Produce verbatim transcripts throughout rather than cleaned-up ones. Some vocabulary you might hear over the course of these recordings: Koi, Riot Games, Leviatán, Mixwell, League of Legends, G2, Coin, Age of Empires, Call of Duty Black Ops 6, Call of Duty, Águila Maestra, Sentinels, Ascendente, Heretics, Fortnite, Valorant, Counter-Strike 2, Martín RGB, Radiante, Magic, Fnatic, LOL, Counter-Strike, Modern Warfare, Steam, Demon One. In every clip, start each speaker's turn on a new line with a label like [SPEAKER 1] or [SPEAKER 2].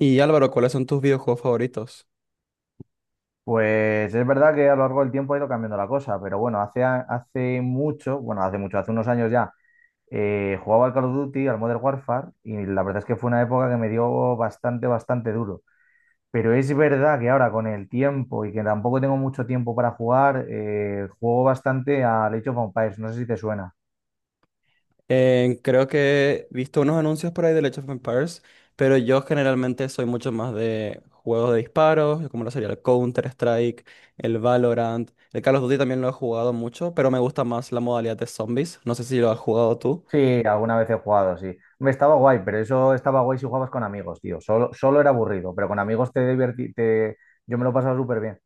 [SPEAKER 1] Y Álvaro, ¿cuáles son tus videojuegos favoritos?
[SPEAKER 2] Pues es verdad que a lo largo del tiempo ha ido cambiando la cosa, pero bueno, hace, a- hace mucho, bueno, hace mucho, hace unos años ya, eh, jugaba al Call of Duty, al Modern Warfare, y la verdad es que fue una época que me dio bastante, bastante duro. Pero es verdad que ahora con el tiempo y que tampoco tengo mucho tiempo para jugar, eh, juego bastante al Age of Empires, no sé si te suena.
[SPEAKER 1] Eh, creo que he visto unos anuncios por ahí de Age of Empires, pero yo generalmente soy mucho más de juegos de disparos, como lo sería el Counter-Strike, el Valorant. El Call of Duty también lo he jugado mucho, pero me gusta más la modalidad de zombies. No sé si lo has jugado tú.
[SPEAKER 2] Sí, alguna vez he jugado, sí. Me estaba guay, pero eso estaba guay si jugabas con amigos, tío. Solo, solo era aburrido, pero con amigos te divertí, te... yo me lo pasaba súper bien.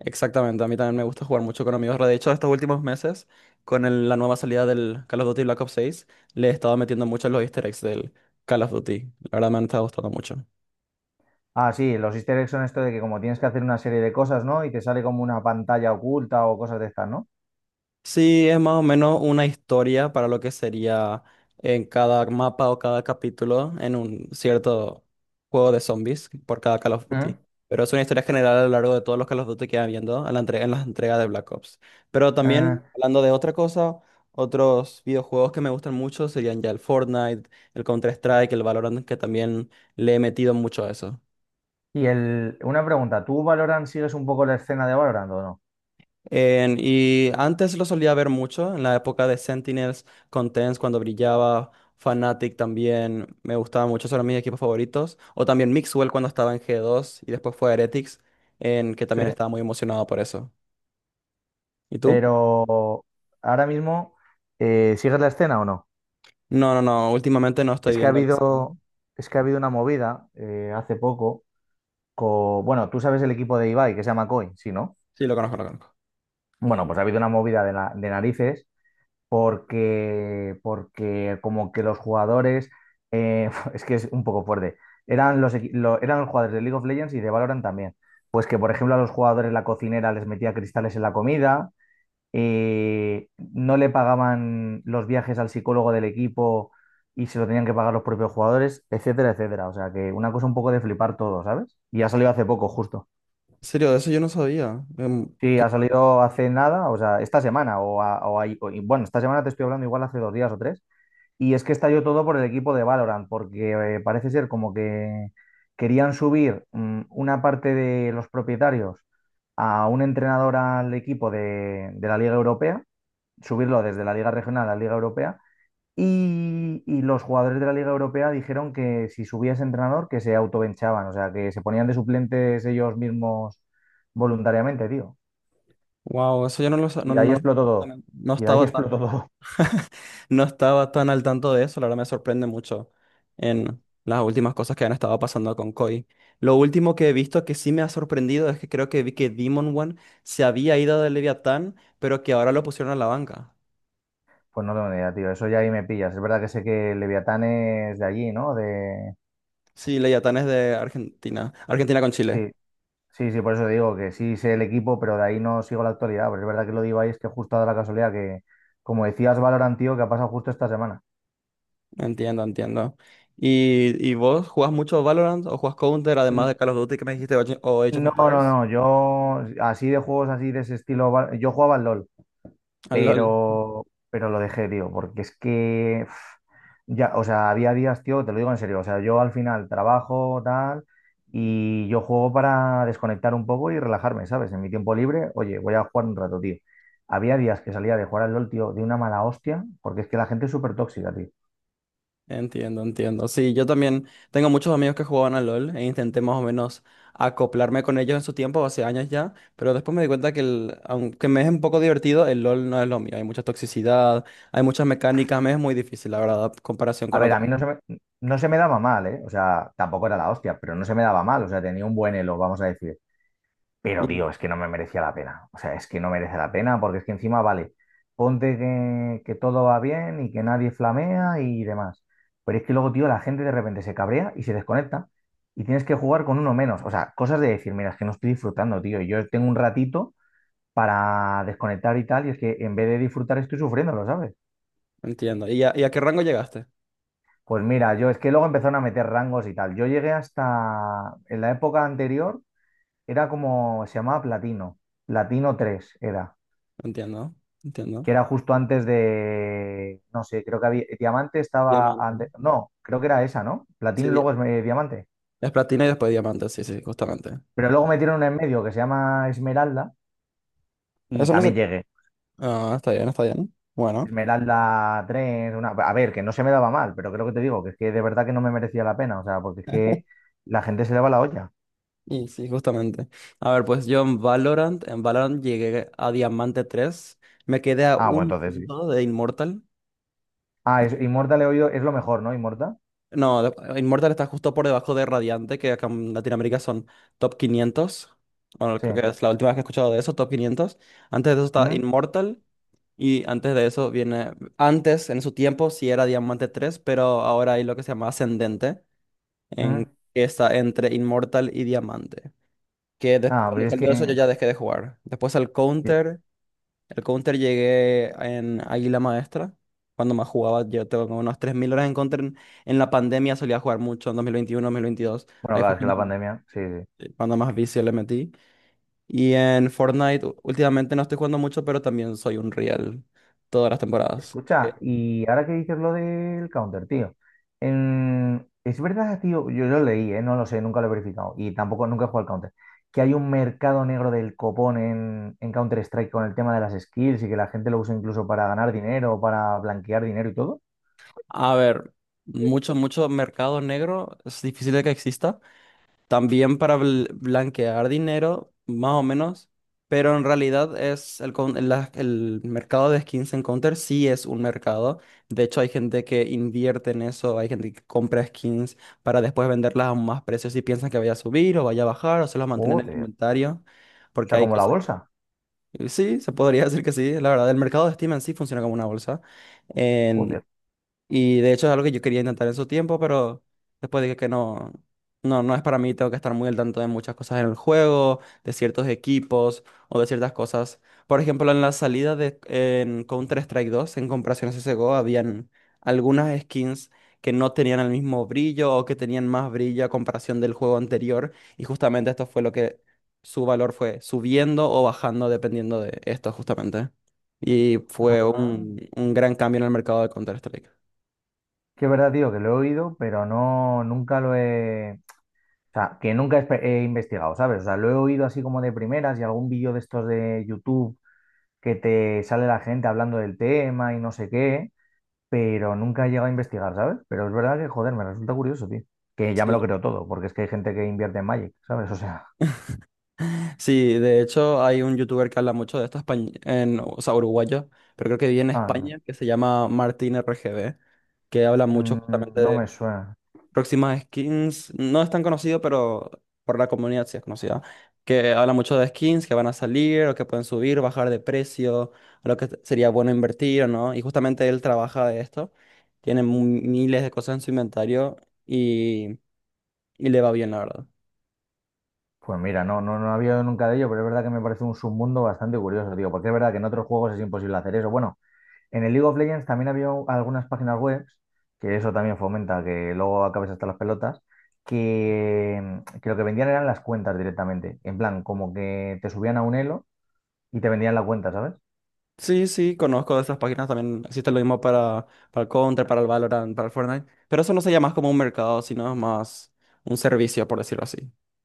[SPEAKER 1] Exactamente, a mí también me gusta jugar mucho con amigos. De hecho, estos últimos meses, con el- la nueva salida del Call of Duty Black Ops seis, le he estado metiendo mucho en los easter eggs del Call of Duty. La verdad me han estado gustando mucho.
[SPEAKER 2] Ah, sí, los easter eggs son esto de que como tienes que hacer una serie de cosas, ¿no? Y te sale como una pantalla oculta o cosas de estas, ¿no?
[SPEAKER 1] Sí, es más o menos una historia para lo que sería en cada mapa o cada capítulo en un cierto juego de zombies por cada Call of Duty.
[SPEAKER 2] ¿Mm?
[SPEAKER 1] Pero es una historia general a lo largo de todos los Call of Duty que van viendo a la entre- en las entregas de Black Ops. Pero también,
[SPEAKER 2] Ah,
[SPEAKER 1] hablando de otra cosa, otros videojuegos que me gustan mucho serían ya el Fortnite, el Counter-Strike, el Valorant, que también le he metido mucho a eso.
[SPEAKER 2] y el, una pregunta, ¿tú Valorant sigues un poco la escena de Valorant o no?
[SPEAKER 1] En- y antes lo solía ver mucho, en la época de Sentinels, con cuando brillaba. Fnatic también me gustaba mucho, son mis equipos favoritos. O también Mixwell cuando estaba en G dos y después fue a Heretics, en que
[SPEAKER 2] Sí.
[SPEAKER 1] también estaba muy emocionado por eso. ¿Y tú?
[SPEAKER 2] Pero ahora mismo, eh, ¿sigues la escena o no?
[SPEAKER 1] No, no, no, últimamente no estoy
[SPEAKER 2] Es que ha
[SPEAKER 1] viendo a Lucero.
[SPEAKER 2] habido, es que ha habido una movida eh, hace poco, co- bueno, tú sabes el equipo de Ibai que se llama Coin, ¿sí, no?
[SPEAKER 1] Sí, lo conozco, lo conozco.
[SPEAKER 2] Bueno, pues ha habido una movida de, na- de narices porque, porque como que los jugadores, eh, es que es un poco fuerte, eran los, equi- lo- eran los jugadores de League of Legends y de Valorant también. Pues que, por ejemplo, a los jugadores la cocinera les metía cristales en la comida, eh, no le pagaban los viajes al psicólogo del equipo y se lo tenían que pagar los propios jugadores, etcétera, etcétera. O sea que una cosa un poco de flipar todo, ¿sabes? Y ha salido hace poco, justo.
[SPEAKER 1] En serio, de eso yo no sabía. Em,
[SPEAKER 2] Sí, ha
[SPEAKER 1] qué-
[SPEAKER 2] salido hace nada, o sea, esta semana, o, a- o ahí- o- y bueno, esta semana te estoy hablando igual hace dos días o tres, y es que estalló todo por el equipo de Valorant, porque eh, parece ser como que querían subir mm, una parte de los propietarios a un entrenador al equipo de, de la Liga Europea, subirlo desde la Liga Regional a la Liga Europea, y, y los jugadores de la Liga Europea dijeron que si subía ese entrenador, que se autobenchaban, o sea, que se ponían de suplentes ellos mismos voluntariamente, tío.
[SPEAKER 1] Wow, eso yo no lo
[SPEAKER 2] Y
[SPEAKER 1] sabía, no,
[SPEAKER 2] de ahí
[SPEAKER 1] no,
[SPEAKER 2] explotó todo.
[SPEAKER 1] no no
[SPEAKER 2] Y de ahí
[SPEAKER 1] estaba tan.
[SPEAKER 2] explotó todo.
[SPEAKER 1] No estaba tan al tanto de eso, la verdad me sorprende mucho en las últimas cosas que han estado pasando con Koi. Lo último que he visto que sí me ha sorprendido es que creo que vi que Demon One se había ido de Leviatán, pero que ahora lo pusieron a la banca.
[SPEAKER 2] Pues no tengo ni idea, tío. Eso ya ahí me pillas. Es verdad que sé que Leviatán es de allí, ¿no? De...
[SPEAKER 1] Sí, Leviatán es de Argentina, Argentina con Chile.
[SPEAKER 2] Sí, sí, sí, por eso digo que sí sé el equipo, pero de ahí no sigo la actualidad. Pero es verdad que lo digo ahí, es que justo ha dado la casualidad que, como decías, Valorant, tío, que ha pasado justo esta semana.
[SPEAKER 1] Entiendo, entiendo. ¿Y, y vos jugás mucho Valorant o jugás Counter además
[SPEAKER 2] N-
[SPEAKER 1] de Call of Duty que me dijiste o Age o Age of
[SPEAKER 2] No, no,
[SPEAKER 1] Empires?
[SPEAKER 2] no. Yo, así de juegos así de ese estilo, va- yo jugaba al LOL.
[SPEAKER 1] Ah, LOL.
[SPEAKER 2] pero, pero lo dejé, tío, porque es que, uf, ya, o sea, había días, tío, te lo digo en serio, o sea, yo al final trabajo, tal, y yo juego para desconectar un poco y relajarme, ¿sabes? En mi tiempo libre, oye, voy a jugar un rato, tío. Había días que salía de jugar al LOL, tío, de una mala hostia, porque es que la gente es súper tóxica, tío.
[SPEAKER 1] Entiendo, entiendo. Sí, yo también tengo muchos amigos que jugaban al LOL e intenté más o menos acoplarme con ellos en su tiempo, hace años ya, pero después me di cuenta que el- aunque me es un poco divertido, el LOL no es lo mío. Hay mucha toxicidad, hay muchas mecánicas, me es muy difícil, la verdad, en comparación
[SPEAKER 2] A
[SPEAKER 1] con
[SPEAKER 2] ver,
[SPEAKER 1] otros.
[SPEAKER 2] a mí no se me, no se me daba mal, ¿eh? O sea, tampoco era la hostia, pero no se me daba mal, o sea, tenía un buen elo, vamos a decir. Pero,
[SPEAKER 1] Y-
[SPEAKER 2] tío, es que no me merecía la pena. O sea, es que no merece la pena porque es que encima, vale, ponte que, que todo va bien y que nadie flamea y demás. Pero es que luego, tío, la gente de repente se cabrea y se desconecta y tienes que jugar con uno menos. O sea, cosas de decir, mira, es que no estoy disfrutando, tío. Yo tengo un ratito para desconectar y tal y es que en vez de disfrutar estoy sufriendo, ¿lo sabes?
[SPEAKER 1] Entiendo. ¿Y a, y a qué rango llegaste?
[SPEAKER 2] Pues mira, yo es que luego empezaron a meter rangos y tal. Yo llegué hasta, en la época anterior, era como, se llamaba Platino. Platino tres era.
[SPEAKER 1] Entiendo, entiendo.
[SPEAKER 2] Que era justo antes de, no sé, creo que había, eh, Diamante estaba
[SPEAKER 1] Diamante.
[SPEAKER 2] antes, no, creo que era esa, ¿no?
[SPEAKER 1] Sí,
[SPEAKER 2] Platino y luego
[SPEAKER 1] di-
[SPEAKER 2] es eh, Diamante.
[SPEAKER 1] es platina y después diamante, sí, sí, justamente.
[SPEAKER 2] Pero luego metieron una en medio que se llama Esmeralda y
[SPEAKER 1] Eso no sé.
[SPEAKER 2] también llegué.
[SPEAKER 1] Ah, está bien, está bien. Bueno.
[SPEAKER 2] Esmeralda tres una... a ver, que no se me daba mal, pero creo que te digo que es que de verdad que no me merecía la pena, o sea, porque es que la gente se le va la olla.
[SPEAKER 1] Y sí, justamente. A ver, pues yo en Valorant, en Valorant llegué a Diamante tres. Me quedé a
[SPEAKER 2] Ah, bueno,
[SPEAKER 1] un
[SPEAKER 2] entonces sí.
[SPEAKER 1] punto de Immortal.
[SPEAKER 2] Ah, es, Inmorta le he oído, es lo mejor, ¿no? Inmortal,
[SPEAKER 1] No, de- Immortal está justo por debajo de Radiante, que acá en Latinoamérica son top quinientos. Bueno,
[SPEAKER 2] sí.
[SPEAKER 1] creo que es la última vez que he escuchado de eso, top quinientos. Antes de eso está
[SPEAKER 2] ¿Mm?
[SPEAKER 1] Immortal. Y antes de eso viene, antes en su tiempo sí era Diamante tres pero ahora hay lo que se llama Ascendente, en,
[SPEAKER 2] ¿Mm?
[SPEAKER 1] que está entre Inmortal y Diamante. Que después,
[SPEAKER 2] Ah,
[SPEAKER 1] cuando
[SPEAKER 2] pero es que,
[SPEAKER 1] salió eso yo ya dejé de jugar. Después al Counter, el Counter llegué en Águila Maestra, cuando más jugaba, yo tengo como unas tres mil horas en Counter. En, en la pandemia solía jugar mucho, en dos dos mil veintiuno, dos mil veintidós,
[SPEAKER 2] bueno,
[SPEAKER 1] ahí
[SPEAKER 2] claro,
[SPEAKER 1] fue
[SPEAKER 2] es que
[SPEAKER 1] cuando,
[SPEAKER 2] la pandemia, sí, sí. Sí.
[SPEAKER 1] eh, cuando más vicio le metí. Y en Fortnite, u- últimamente no estoy jugando mucho, pero también soy un real todas las temporadas.
[SPEAKER 2] Escucha,
[SPEAKER 1] Ok.
[SPEAKER 2] y ahora que dices lo del counter, tío. en- Es verdad, tío, yo lo leí, ¿eh? No lo sé, nunca lo he verificado. Y tampoco nunca he jugado al counter. Que hay un mercado negro del copón en, en Counter-Strike con el tema de las skills y que la gente lo usa incluso para ganar dinero, para blanquear dinero y todo.
[SPEAKER 1] A ver, mucho, mucho mercado negro, es difícil de que exista. También para bl- blanquear dinero, más o menos, pero en realidad es el, con- la- el mercado de skins en Counter sí es un mercado. De hecho, hay gente que invierte en eso, hay gente que compra skins para después venderlas a más precios y piensan que vaya a subir o vaya a bajar o se los mantienen en el
[SPEAKER 2] Joder.
[SPEAKER 1] inventario,
[SPEAKER 2] O
[SPEAKER 1] porque
[SPEAKER 2] sea,
[SPEAKER 1] hay
[SPEAKER 2] como la
[SPEAKER 1] cosas.
[SPEAKER 2] bolsa.
[SPEAKER 1] Sí, se podría decir que sí. La verdad, el mercado de Steam en sí funciona como una bolsa.
[SPEAKER 2] Joder.
[SPEAKER 1] Y de hecho es algo que yo quería intentar en su tiempo, pero después dije que no, no, no es para mí, tengo que estar muy al tanto de muchas cosas en el juego, de ciertos equipos o de ciertas cosas. Por ejemplo, en la salida de en Counter-Strike dos en comparación a C S G O, habían algunas skins que no tenían el mismo brillo o que tenían más brillo a comparación del juego anterior. Y justamente esto fue lo que su valor fue subiendo o bajando dependiendo de esto justamente. Y fue
[SPEAKER 2] Ah.
[SPEAKER 1] un, un gran cambio en el mercado de Counter-Strike.
[SPEAKER 2] Que es verdad, tío, que lo he oído, pero no, nunca lo he. O sea, que nunca he, espe- he investigado, ¿sabes? O sea, lo he oído así como de primeras y algún vídeo de estos de YouTube que te sale la gente hablando del tema y no sé qué, pero nunca he llegado a investigar, ¿sabes? Pero es verdad que, joder, me resulta curioso, tío. Que ya me lo
[SPEAKER 1] Sí.
[SPEAKER 2] creo todo, porque es que hay gente que invierte en Magic, ¿sabes? O sea,
[SPEAKER 1] Sí, de hecho hay un youtuber que habla mucho de esto, españ- en, o sea, uruguayo, pero creo que vive en
[SPEAKER 2] ah, no,
[SPEAKER 1] España, que se llama Martín R G B, que habla mucho
[SPEAKER 2] mm,
[SPEAKER 1] justamente
[SPEAKER 2] no me
[SPEAKER 1] de
[SPEAKER 2] suena.
[SPEAKER 1] próximas skins. No es tan conocido, pero por la comunidad sí es conocida. Que habla mucho de skins que van a salir o que pueden subir, bajar de precio, a lo que t- sería bueno invertir o no. Y justamente él trabaja de esto, tiene mu- miles de cosas en su inventario y, y le va bien, la verdad.
[SPEAKER 2] Pues mira, no, no, no había oído nunca de ello, pero es verdad que me parece un submundo bastante curioso, tío, porque es verdad que en otros juegos es imposible hacer eso. Bueno, en el League of Legends también había algunas páginas web, que eso también fomenta que luego acabes hasta las pelotas, que, mm, que lo que vendían eran las cuentas directamente. En plan, como que te subían a un elo y te vendían la cuenta, ¿sabes?
[SPEAKER 1] Sí, sí, conozco de esas páginas también. Existe lo mismo para, para el Counter, para el Valorant, para el Fortnite. Pero eso no sería más como un mercado, sino es más un servicio, por decirlo así.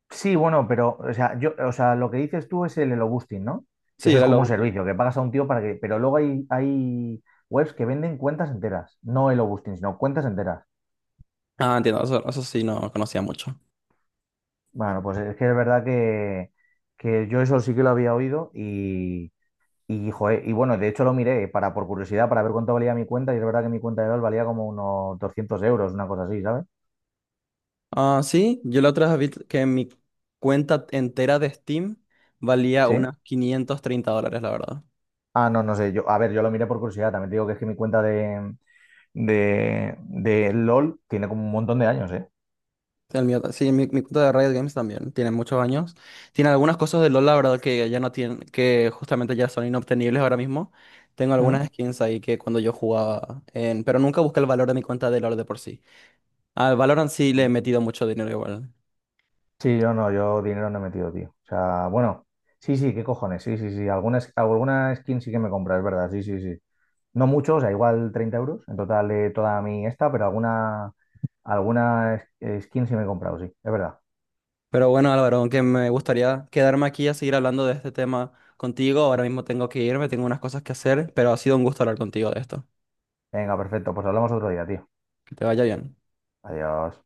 [SPEAKER 2] Sí, bueno, pero, o sea, yo, o sea, lo que dices tú es el elo boosting, ¿no? Que
[SPEAKER 1] Sí,
[SPEAKER 2] eso es
[SPEAKER 1] era
[SPEAKER 2] como
[SPEAKER 1] lo
[SPEAKER 2] un
[SPEAKER 1] útil.
[SPEAKER 2] servicio, que pagas a un tío para que. Pero luego hay, hay webs que venden cuentas enteras, no elo boosting, sino cuentas enteras.
[SPEAKER 1] Ah, entiendo, eso, eso sí no conocía mucho.
[SPEAKER 2] Bueno, pues es que es verdad que, que yo eso sí que lo había oído y. Y, joder, y bueno, de hecho lo miré para, por curiosidad para ver cuánto valía mi cuenta y es verdad que mi cuenta de LOL valía como unos doscientos euros, una cosa así, ¿sabes?
[SPEAKER 1] Ah, sí, yo la otra vez vi que mi cuenta entera de Steam valía
[SPEAKER 2] Sí.
[SPEAKER 1] unas quinientos treinta dólares, la verdad.
[SPEAKER 2] Ah, no, no sé. Yo, a ver, yo lo miré por curiosidad. También te digo que es que mi cuenta de, de, de LOL tiene como un montón de años, ¿eh?
[SPEAKER 1] El mío ta- sí, mi, mi cuenta de Riot Games también tiene muchos años. Tiene algunas cosas de LoL, la verdad, que ya no tienen, que justamente ya son inobtenibles ahora mismo. Tengo
[SPEAKER 2] ¿Mm?
[SPEAKER 1] algunas skins ahí que cuando yo jugaba, en, pero nunca busqué el valor de mi cuenta de LoL de por sí. Al Valorant sí le he metido mucho dinero igual.
[SPEAKER 2] Sí, yo no, yo dinero no he metido, tío. O sea, bueno, sí, sí, qué cojones, sí, sí, sí. Algunas, sk- alguna skin sí que me compra, es verdad, sí, sí, sí. No mucho, o sea, igual treinta euros en total de toda mi esta, pero alguna, alguna es- eh, skin sí me he comprado, sí, es verdad.
[SPEAKER 1] Pero bueno, Álvaro, aunque me gustaría quedarme aquí a seguir hablando de este tema contigo, ahora mismo tengo que irme, tengo unas cosas que hacer, pero ha sido un gusto hablar contigo de esto.
[SPEAKER 2] Venga, perfecto, pues hablamos otro día, tío.
[SPEAKER 1] Que te vaya bien.
[SPEAKER 2] Adiós.